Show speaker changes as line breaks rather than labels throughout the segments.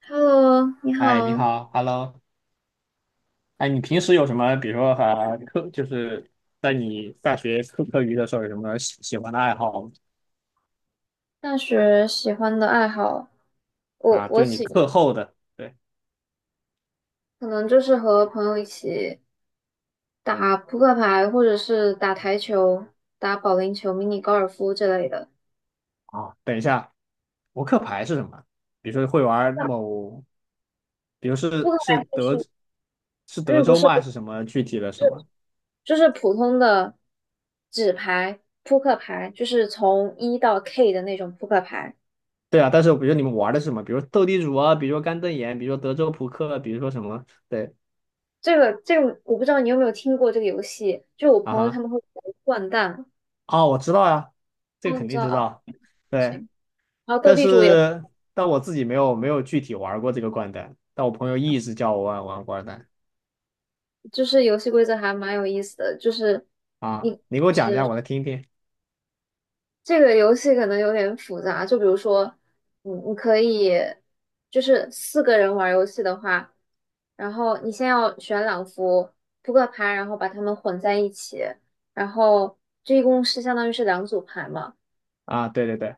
Hello，你
哎，你
好。
好，Hello。哎，你平时有什么，比如说课，就是在你大学课余的时候，有什么喜欢的爱好吗？
大学喜欢的爱好，我
啊，
我
就你
喜
课后的。对
可能就是和朋友一起打扑克牌，或者是打台球、打保龄球、迷你高尔夫之类的。
啊，等一下，扑克牌是什么？比如说会玩某，比如
扑
是
克
是
牌就是，
是德
嗯，不
州
是
吗？
不
还是什么具体的
是，
什么？
就是普通的纸牌扑克牌，就是从一到 K 的那种扑克牌。
对啊，但是比如你们玩的是什么？比如斗地主啊，比如说干瞪眼，比如说德州扑克，比如说什么？对
这个，我不知道你有没有听过这个游戏，就我
啊
朋友他
哈，
们会玩掼蛋。
哦，我知道呀、这
哦，
个肯
你知
定
道
知
啊。
道。
不
对。
行。然后斗
但
地主也。
是但我自己没有具体玩过这个掼蛋，但我朋友一直叫我玩玩掼蛋。
就是游戏规则还蛮有意思的，就是
啊，
你
你给我讲一下，我来听听。
这个游戏可能有点复杂，就比如说，你可以就是四个人玩游戏的话，然后你先要选两副扑克牌，然后把它们混在一起，然后这一共是相当于是两组牌嘛。
啊。对对对，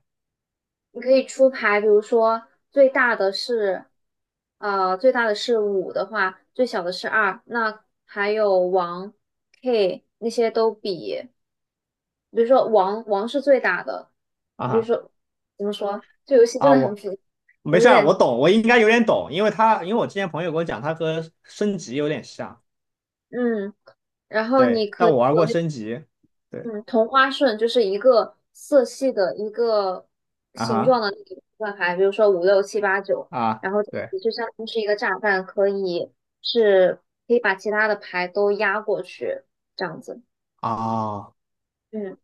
你可以出牌，比如说最大的是，最大的是五的话，最小的是二，那还有王、K 那些都比，比如说王王是最大的，
啊
比如
哈
说怎么说，这游戏真
啊，
的很
我
复杂。
没
我
事
有
儿，我
点
懂，我应该有点懂，因为我之前朋友跟我讲，他和升级有点像，
嗯，然后你
对，
可
但
以
我玩
有
过
那。
升级，对
嗯，同花顺就是一个色系的一个
啊
形状
哈
的那一个分牌，比如说五六七八九，
啊
然后这
对
个就相当于是一个炸弹，可以是可以把其他的牌都压过去，这样子。
啊，
嗯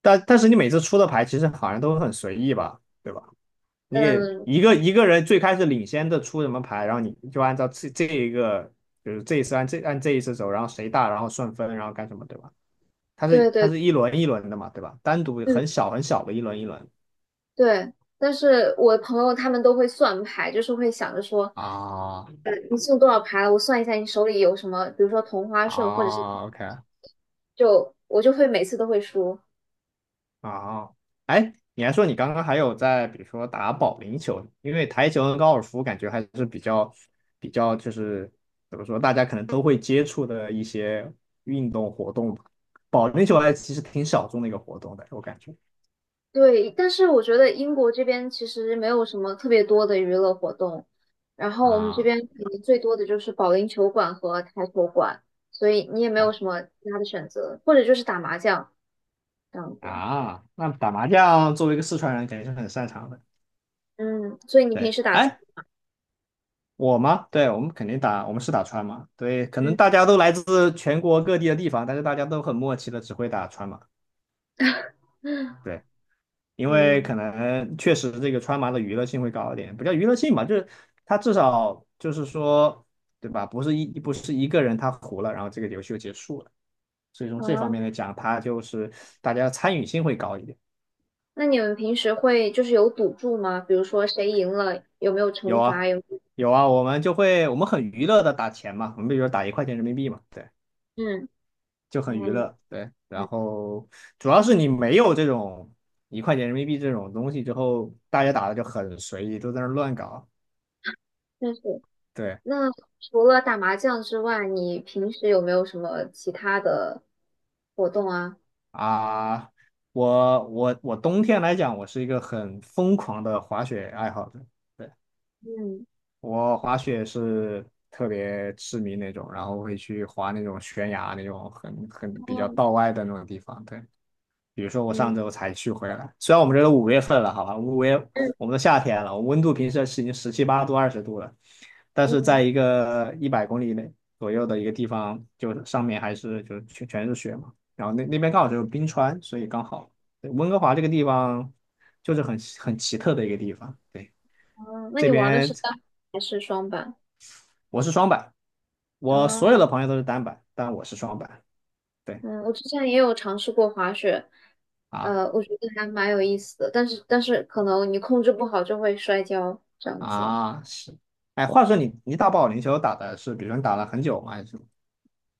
但是你每次出的牌其实好像都很随意吧，对吧？你给
嗯，
一个人最开始领先的出什么牌，然后你就按照这一个，就是这一次按这一次走，然后谁大，然后顺分，然后干什么，对吧？它
对
是它
对
是一轮一轮的嘛，对吧？单独
嗯
很小很小的一轮一轮。
对，但是我朋友他们都会算牌，就是会想着说，
啊
你剩多少牌了？我算一下你手里有什么，比如说同花顺或者是
啊，OK。
就我就会每次都会输。
啊，哎，你还说你刚刚还有在，比如说打保龄球，因为台球跟高尔夫感觉还是比较就是怎么说，大家可能都会接触的一些运动活动吧。保龄球还其实挺小众的一个活动的，我感觉。
对，但是我觉得英国这边其实没有什么特别多的娱乐活动，然后我们这
啊
边可能最多的就是保龄球馆和台球馆，所以你也没有
啊
什么其他的选择，或者就是打麻将这样子。
啊！那打麻将作为一个四川人，肯定是很擅长的。
嗯，所以你平
对，
时打球，
哎，我吗？对，我们肯定打，我们是打川麻。对，可能大家都来自全国各地的地方，但是大家都很默契的只会打川麻。
嗯
对。因为
嗯
可能确实这个川麻的娱乐性会高一点，不叫娱乐性吧，就是它至少就是说，对吧？不是一个人他胡了，然后这个游戏就结束了。所以从这方
啊，
面来讲，它就是大家参与性会高一点。
那你们平时会就是有赌注吗？比如说谁赢了有没有惩
有啊，
罚？有没有
有啊，我们很娱乐的打钱嘛，我们比如说打一块钱人民币嘛，对，
嗯
就很娱
嗯，
乐，对。然
嗯
后主要是你没有这种一块钱人民币这种东西之后，大家打的就很随意，都在那儿乱搞。
确实。
对，
那除了打麻将之外，你平时有没有什么其他的活动啊？
啊，我冬天来讲，我是一个很疯狂的滑雪爱好者。对，
嗯
我滑雪是特别痴迷那种，然后会去滑那种悬崖那种很比较道外的那种地方。对。比如说我上
嗯
周才去回来，虽然我们这都5月份了，好吧，五月
嗯
我们都夏天了，温度平时是已经17、18度、20度了，但是
嗯，
在一个100公里内左右的一个地方，就上面还是就全是雪嘛，然后那边刚好就是冰川，所以刚好。对温哥华这个地方就是很奇特的一个地方，对，
哦，那
这
你玩的
边
是单板还是双板？
我是双板，我所
啊
有的朋友都是单板，但我是双板，对
嗯，我之前也有尝试过滑雪，
啊，
我觉得还蛮有意思的，但是可能你控制不好就会摔跤这样子。
啊，是，哎，话说你打保龄球打的是，比如说你打了很久吗？还是什么？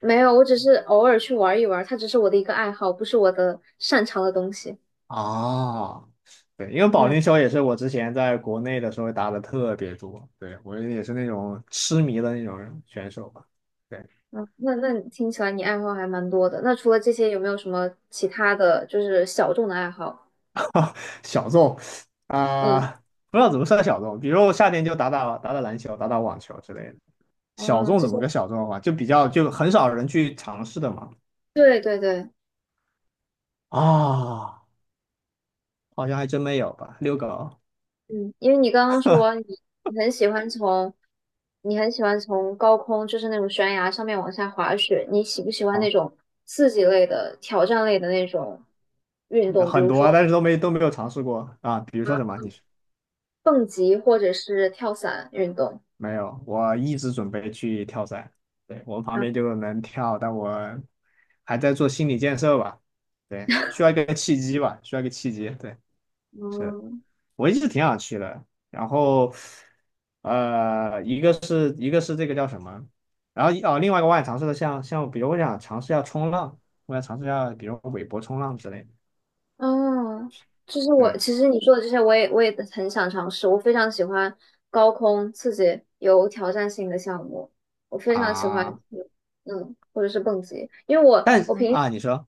没有，我只是偶尔去玩一玩，它只是我的一个爱好，不是我的擅长的东西。
哦，对，因为保
嗯。
龄球也是我之前在国内的时候打的特别多，对，我也是那种痴迷的那种选手吧，对，
嗯，那你听起来你爱好还蛮多的。那除了这些，有没有什么其他的就是小众的爱好？
小众
嗯，
啊，不知道怎么算小众，比如我夏天就打打篮球，打打网球之类的。小
哦，
众
这
怎
些，
么个小众法？就比较就很少人去尝试的嘛。
对对对，
啊、好像还真没有吧，遛狗。
嗯，因为你刚刚说你很喜欢从你很喜欢从高空，就是那种悬崖上面往下滑雪，你喜不喜欢那种刺激类的、挑战类的那种运动，比
很
如
多
说
啊，但是都没有尝试过啊。比如说什么？你说
蹦极或者是跳伞运动？
没有？我一直准备去跳伞，对，我们旁
啊，
边就能跳，但我还在做心理建设吧。对，需要一个契机吧，需要一个契机。对，是
嗯。
我一直挺想去的。然后，一个是这个叫什么？然后哦，另外一个我想尝试的像，比如我想尝试一下冲浪，我想尝试一下，比如韦伯冲浪之类的。
哦，就是我，
对
其实你说的这些，我也很想尝试。我非常喜欢高空刺激、有挑战性的项目，我非常喜欢，
啊，
或者是蹦极。因为我
但是
我平
啊，你说。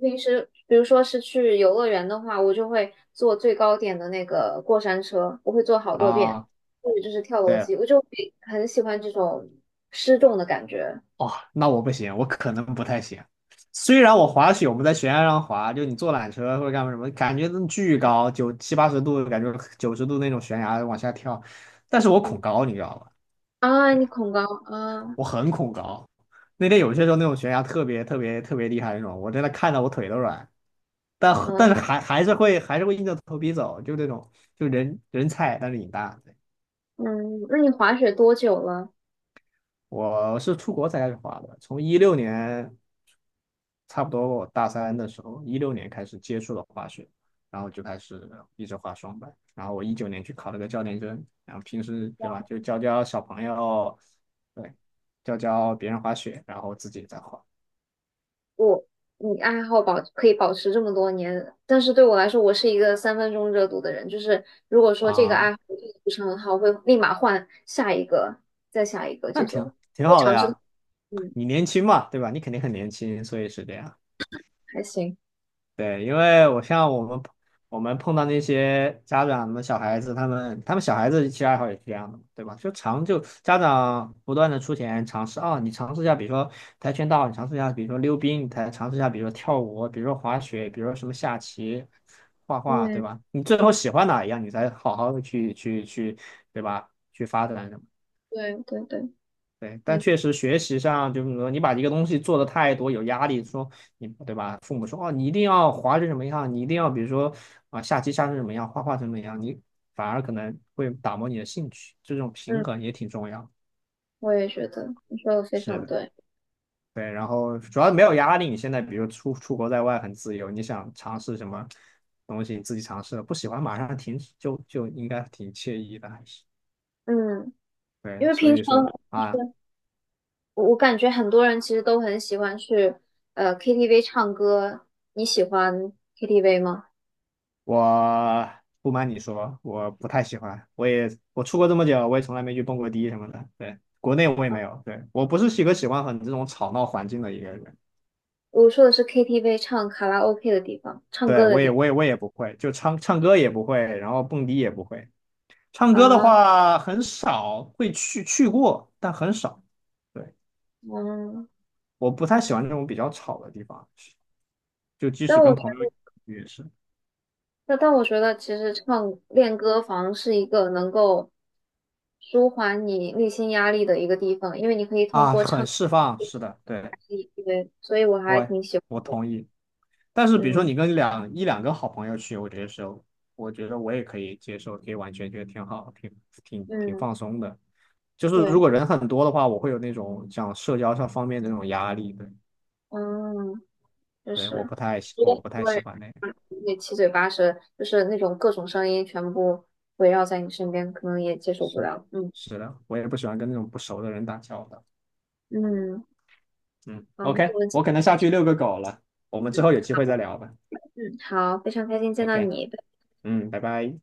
平时，比如说是去游乐园的话，我就会坐最高点的那个过山车，我会坐好多遍，
啊，
或者就是跳楼
对，
机，我就会很喜欢这种失重的感觉。
哦，那我不行，我可能不太行。虽然我滑雪，我们在悬崖上滑，就你坐缆车或者干嘛什么，感觉都巨高，九七八十度，感觉90度那种悬崖往下跳，但是我恐
嗯
高，你知道吧？
啊，你
对，
恐高啊，
我很恐高。那天有些时候那种悬崖特别特别特别厉害那种，我真的看到我腿都软，但但
嗯
是还是会硬着头皮走，就那种就人菜，但是瘾大。对，
嗯，那你滑雪多久了？
我是出国才开始滑的，从一六年。差不多我大三的时候，一六年开始接触了滑雪，然后就开始一直滑双板。然后我19年去考了个教练证，然后平时对吧，就教教小朋友，对，教教别人滑雪，然后自己也在滑
我你爱好可以保持这么多年，但是对我来说，我是一个三分钟热度的人，就是如果说这个爱
啊，
好做得不是很好，会立马换下一个，再下一个这
那挺
种，
挺
会
好的
尝试，
呀。
嗯，
你年轻嘛，对吧？你肯定很年轻，所以是这样。
还行，
对，因为我像我们碰到那些家长的小孩子，他们小孩子其实爱好也是这样的嘛，对吧？就家长不断的出钱尝试啊、你尝试一下，比如说跆拳道，你尝试一下，比如说溜冰，你才尝试一下，比如说跳舞，比如说滑雪，比如说什么下棋、画画，对
嗯，
吧？你最后喜欢哪一样，你才好好的去，对吧？去发展。
对对对，
对，但
嗯
确实学习上，就是说你把一个东西做的太多，有压力，说你对吧？父母说哦，你一定要滑成什么样，你一定要比如说啊，下棋下成什么样，画画成什么样，你反而可能会打磨你的兴趣，这种平
嗯，
衡也挺重要。
我也觉得你说的非
是
常
的，
对，
对，然后主要没有压力，你现在比如出国在外很自由，你想尝试什么东西，你自己尝试了，不喜欢马上停止，就应该挺惬意的，还是
嗯，因
对，
为
所
平
以
常
说
就
啊。
是我感觉很多人其实都很喜欢去KTV 唱歌，你喜欢 KTV 吗？
我不瞒你说，我不太喜欢。我出国这么久，我也从来没去蹦过迪什么的。对，国内我也没有。对，我不是一个喜欢很这种吵闹环境的一个人。
我说的是 KTV 唱卡拉 OK 的地方，唱
对，
歌的
我也
地
我也我也不会，就唱唱歌也不会，然后蹦迪也不会。唱
方
歌的
啊，
话很少会去过，但很少。对，
嗯，
我不太喜欢这种比较吵的地方，就即
但
使
我
跟
觉
朋友
得，
也是
但我觉得，其实唱练歌房是一个能够舒缓你内心压力的一个地方，因为你可以通
啊，
过
很
唱
释放。是的，对，
对，所以我还
我
挺喜欢
我
的。
同意。但是比如说
嗯
你跟一两个好朋友去，我觉得是，我觉得我也可以接受，可以完全觉得挺好，挺
嗯，
放松的。就是
对，
如果人很多的话，我会有那种像社交上方面的那种压力，对
嗯，就
对，
是，因
我
为
不太喜欢那个。
很多对，也七嘴八舌，就是那种各种声音全部围绕在你身边，可能也接受不
是
了。嗯
是的，我也不喜欢跟那种不熟的人打交道。
嗯，
嗯
好，那
，OK,
我们今。
我可能下去遛个狗了，我们之后有机会再聊吧。
嗯，好，非常开心见到
OK,
你。
嗯，拜拜。